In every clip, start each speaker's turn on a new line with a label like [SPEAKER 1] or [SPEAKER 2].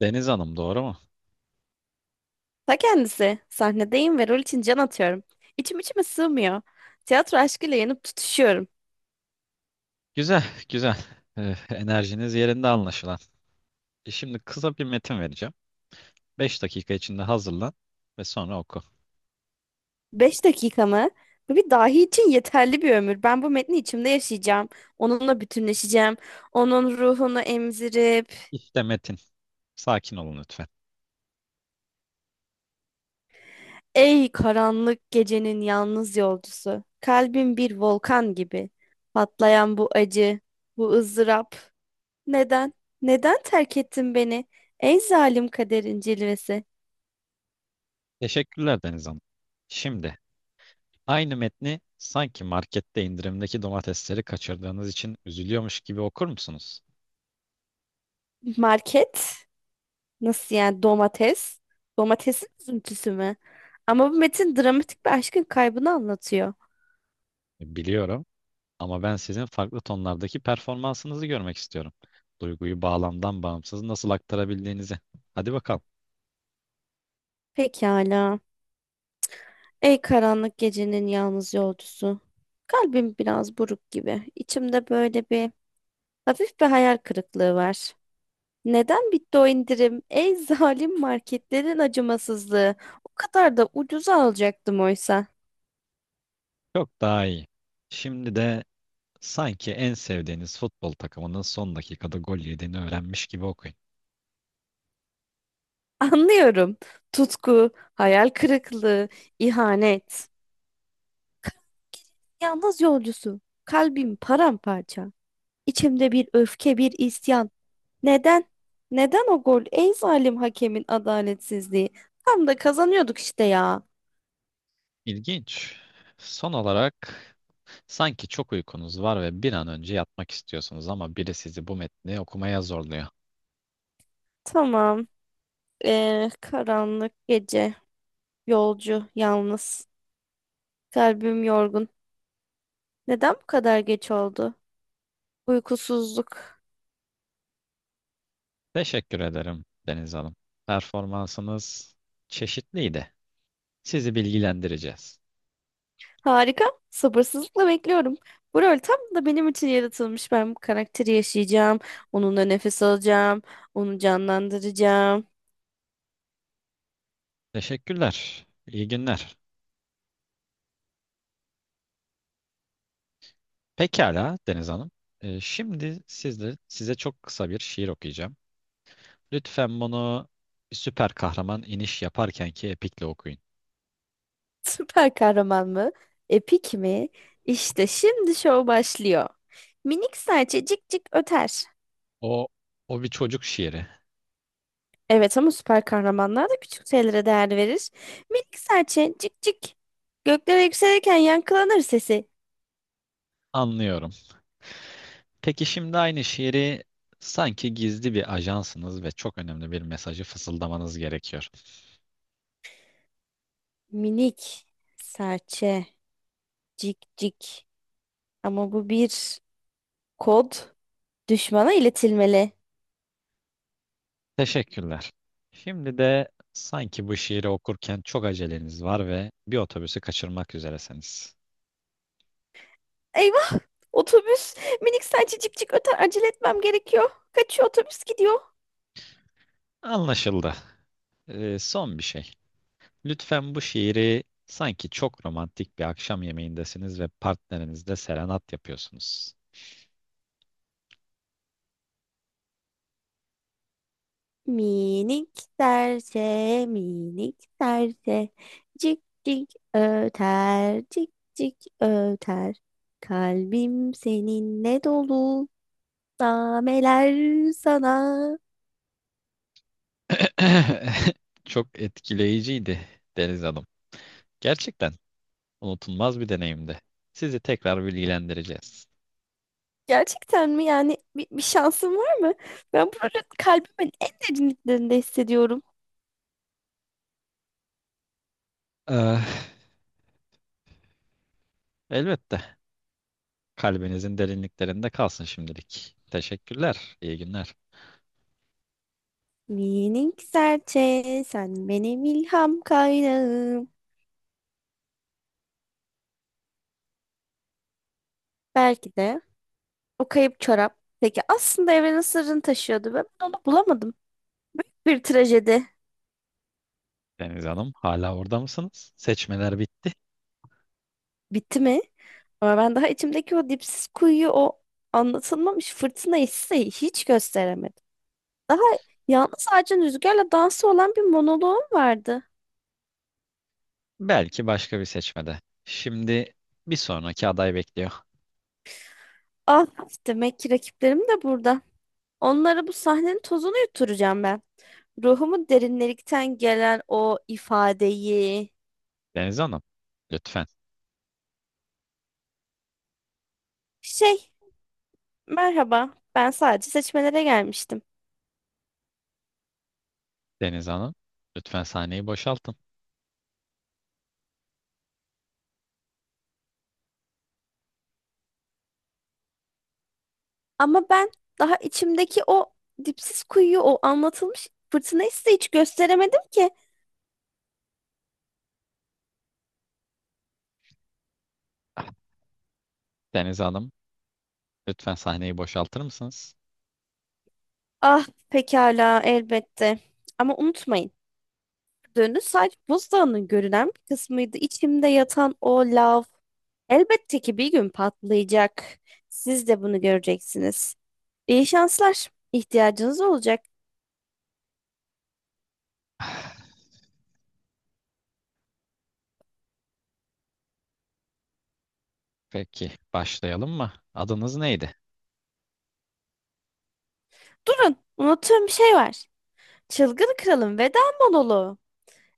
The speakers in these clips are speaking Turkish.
[SPEAKER 1] Deniz Hanım doğru mu?
[SPEAKER 2] Ta kendisi. Sahnedeyim ve rol için can atıyorum. İçim içime sığmıyor. Tiyatro aşkıyla yanıp tutuşuyorum.
[SPEAKER 1] Güzel, güzel. Enerjiniz yerinde anlaşılan. Şimdi kısa bir metin vereceğim. 5 dakika içinde hazırlan ve sonra oku.
[SPEAKER 2] Beş dakika mı? Bu bir dahi için yeterli bir ömür. Ben bu metni içimde yaşayacağım. Onunla bütünleşeceğim. Onun ruhunu emzirip...
[SPEAKER 1] İşte metin. Sakin olun lütfen.
[SPEAKER 2] Ey karanlık gecenin yalnız yolcusu. Kalbim bir volkan gibi. Patlayan bu acı, bu ızdırap. Neden? Neden terk ettin beni? Ey zalim kaderin cilvesi.
[SPEAKER 1] Teşekkürler Deniz Hanım. Şimdi aynı metni sanki markette indirimdeki domatesleri kaçırdığınız için üzülüyormuş gibi okur musunuz?
[SPEAKER 2] Market? Nasıl yani domates? Domatesin üzüntüsü mü? Ama bu metin dramatik bir aşkın kaybını anlatıyor.
[SPEAKER 1] Biliyorum ama ben sizin farklı tonlardaki performansınızı görmek istiyorum. Duyguyu bağlamdan bağımsız nasıl aktarabildiğinizi. Hadi bakalım.
[SPEAKER 2] Pekala. Ey karanlık gecenin yalnız yolcusu. Kalbim biraz buruk gibi. İçimde böyle bir hafif hayal kırıklığı var. Neden bitti o indirim? Ey zalim marketlerin acımasızlığı. O kadar da ucuza alacaktım oysa.
[SPEAKER 1] Çok daha iyi. Şimdi de sanki en sevdiğiniz futbol takımının son dakikada gol yediğini öğrenmiş gibi okuyun.
[SPEAKER 2] Anlıyorum. Tutku, hayal kırıklığı, ihanet. Yalnız yolcusu. Kalbim paramparça. İçimde bir öfke, bir isyan. Neden? Neden o gol? Ey zalim hakemin adaletsizliği. Tam da kazanıyorduk işte ya.
[SPEAKER 1] İlginç. Son olarak sanki çok uykunuz var ve bir an önce yatmak istiyorsunuz ama biri sizi bu metni okumaya zorluyor.
[SPEAKER 2] Tamam. Karanlık gece. Yolcu, yalnız. Kalbim yorgun. Neden bu kadar geç oldu? Uykusuzluk.
[SPEAKER 1] Teşekkür ederim Deniz Hanım. Performansınız çeşitliydi. Sizi bilgilendireceğiz.
[SPEAKER 2] Harika. Sabırsızlıkla bekliyorum. Bu rol tam da benim için yaratılmış. Ben bu karakteri yaşayacağım. Onunla nefes alacağım. Onu canlandıracağım.
[SPEAKER 1] Teşekkürler. İyi günler. Pekala Deniz Hanım. Şimdi sizde, size çok kısa bir şiir okuyacağım. Lütfen bunu bir süper kahraman iniş yaparken ki epikle okuyun.
[SPEAKER 2] Süper kahraman mı? Epik mi? İşte şimdi şov başlıyor. Minik serçe cik cik öter.
[SPEAKER 1] O, o bir çocuk şiiri.
[SPEAKER 2] Evet ama süper kahramanlar da küçük şeylere değer verir. Minik serçe cik cik. Göklere yükselirken yankılanır sesi.
[SPEAKER 1] Anlıyorum. Peki şimdi aynı şiiri sanki gizli bir ajansınız ve çok önemli bir mesajı fısıldamanız gerekiyor.
[SPEAKER 2] Minik serçe cik cik. Ama bu bir kod. Düşmana iletilmeli.
[SPEAKER 1] Teşekkürler. Şimdi de sanki bu şiiri okurken çok aceleniz var ve bir otobüsü kaçırmak üzeresiniz.
[SPEAKER 2] Eyvah! Otobüs. Minik serçe cik cik öter. Acele etmem gerekiyor. Kaçıyor otobüs gidiyor.
[SPEAKER 1] Anlaşıldı. Son bir şey. Lütfen bu şiiri sanki çok romantik bir akşam yemeğindesiniz ve partnerinizle serenat yapıyorsunuz.
[SPEAKER 2] Minik serçe, minik serçe, cik cik öter, cik cik öter. Kalbim seninle dolu, nameler sana.
[SPEAKER 1] Çok etkileyiciydi Deniz Hanım. Gerçekten unutulmaz bir deneyimdi. Sizi tekrar bilgilendireceğiz.
[SPEAKER 2] Gerçekten mi? Yani bir şansım var mı? Ben bunu kalbimin en derinliklerinde hissediyorum.
[SPEAKER 1] Eh, Elbette. Kalbinizin derinliklerinde kalsın şimdilik. Teşekkürler. İyi günler.
[SPEAKER 2] Minik serçe, sen benim ilham kaynağım. Belki de o kayıp çorap. Peki aslında evrenin sırrını taşıyordu ve ben onu bulamadım. Bir trajedi.
[SPEAKER 1] Deniz Hanım, hala orada mısınız? Seçmeler bitti.
[SPEAKER 2] Bitti mi? Ama ben daha içimdeki o dipsiz kuyuyu, o anlatılmamış fırtına hissi hiç gösteremedim. Daha yalnız ağacın rüzgarla dansı olan bir monoloğum vardı.
[SPEAKER 1] Belki başka bir seçmede. Şimdi bir sonraki aday bekliyor.
[SPEAKER 2] Ah, demek ki rakiplerim de burada. Onlara bu sahnenin tozunu yutturacağım ben. Ruhumun derinlerikten gelen o ifadeyi.
[SPEAKER 1] Deniz Hanım, lütfen.
[SPEAKER 2] Şey, merhaba. Ben sadece seçmelere gelmiştim.
[SPEAKER 1] Deniz Hanım, lütfen sahneyi boşaltın.
[SPEAKER 2] Ama ben daha içimdeki o dipsiz kuyuyu, o anlatılmış fırtınayı size hiç gösteremedim ki.
[SPEAKER 1] Ah, Deniz Hanım, lütfen sahneyi boşaltır mısınız?
[SPEAKER 2] Ah, pekala, elbette. Ama unutmayın. Dönü sadece buzdağının görünen bir kısmıydı. İçimde yatan o lav. Elbette ki bir gün patlayacak. Siz de bunu göreceksiniz. İyi şanslar. İhtiyacınız olacak.
[SPEAKER 1] Ah, peki, başlayalım mı? Adınız neydi?
[SPEAKER 2] Durun, unuttuğum bir şey var. Çılgın Kral'ın veda monoloğu.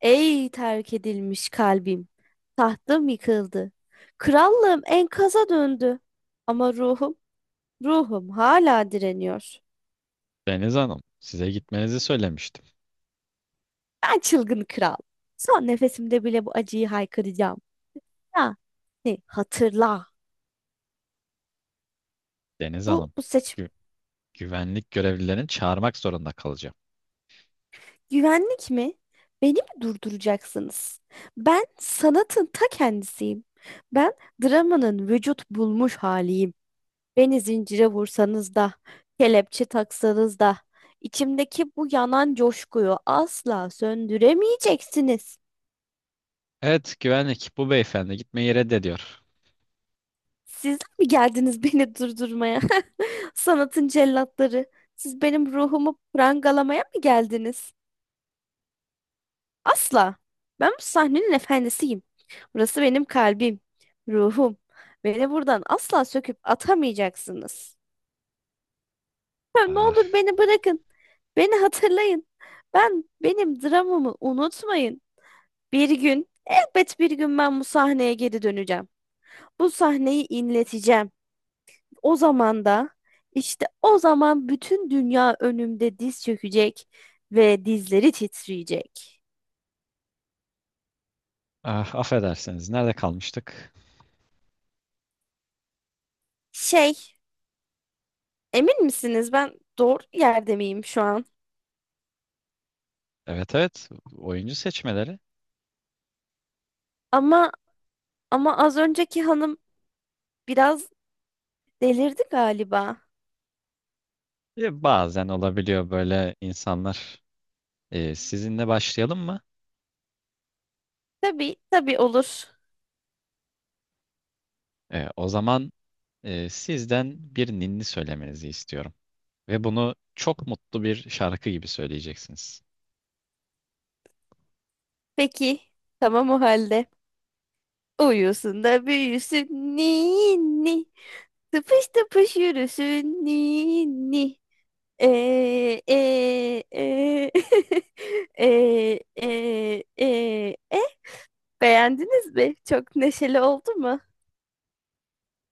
[SPEAKER 2] Ey terk edilmiş kalbim, tahtım yıkıldı. Krallığım enkaza döndü. Ama ruhum hala direniyor.
[SPEAKER 1] Deniz Hanım, size gitmenizi söylemiştim.
[SPEAKER 2] Ben çılgın kral. Son nefesimde bile bu acıyı haykıracağım. Ya, ne, hatırla.
[SPEAKER 1] Deniz
[SPEAKER 2] Bu,
[SPEAKER 1] Hanım,
[SPEAKER 2] bu seçim.
[SPEAKER 1] gü- güvenlik görevlilerini çağırmak zorunda kalacağım.
[SPEAKER 2] Güvenlik mi? Beni mi durduracaksınız? Ben sanatın ta kendisiyim. Ben dramanın vücut bulmuş haliyim. Beni zincire vursanız da, kelepçe taksanız da, içimdeki bu yanan coşkuyu asla söndüremeyeceksiniz.
[SPEAKER 1] Evet güvenlik, bu beyefendi gitmeyi reddediyor.
[SPEAKER 2] Sizler mi geldiniz beni durdurmaya? Sanatın cellatları, siz benim ruhumu prangalamaya mı geldiniz? Asla. Ben bu sahnenin efendisiyim. Burası benim kalbim, ruhum. Beni buradan asla söküp atamayacaksınız. Ya, ne
[SPEAKER 1] Ah,
[SPEAKER 2] olur beni bırakın. Beni hatırlayın. Benim dramımı unutmayın. Bir gün, elbet bir gün ben bu sahneye geri döneceğim. Bu sahneyi inleteceğim. O zaman da, işte o zaman bütün dünya önümde diz çökecek ve dizleri titreyecek.
[SPEAKER 1] ah, affedersiniz, nerede kalmıştık?
[SPEAKER 2] Şey, emin misiniz, ben doğru yerde miyim şu an?
[SPEAKER 1] Evet, evet, oyuncu seçmeleri.
[SPEAKER 2] Ama ama az önceki hanım biraz delirdi galiba.
[SPEAKER 1] Bazen olabiliyor böyle insanlar. Sizinle başlayalım mı?
[SPEAKER 2] Tabii, tabii, olur.
[SPEAKER 1] O zaman sizden bir ninni söylemenizi istiyorum. Ve bunu çok mutlu bir şarkı gibi söyleyeceksiniz.
[SPEAKER 2] Peki, tamam o halde. Uyusun da büyüsün ninni. Tıpış tıpış yürüsün ninni. Ee, e, e. Ee, e, e, e. Beğendiniz mi? Çok neşeli oldu mu?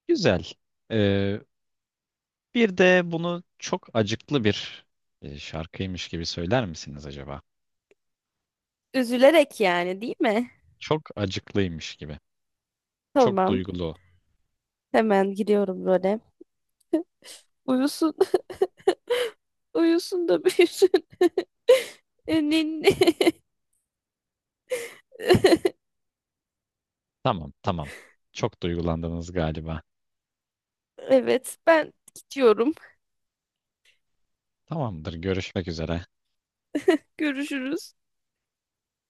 [SPEAKER 1] Güzel. E, Bir de bunu çok acıklı bir şarkıymış gibi söyler misiniz acaba?
[SPEAKER 2] Üzülerek yani değil mi?
[SPEAKER 1] Çok acıklıymış gibi. Çok
[SPEAKER 2] Tamam.
[SPEAKER 1] duygulu.
[SPEAKER 2] Hemen giriyorum role. Uyusun. Uyusun da büyüsün. Ninni.
[SPEAKER 1] Tamam, tamam. Çok duygulandınız galiba.
[SPEAKER 2] Evet, ben gidiyorum.
[SPEAKER 1] Tamamdır, görüşmek üzere.
[SPEAKER 2] Görüşürüz.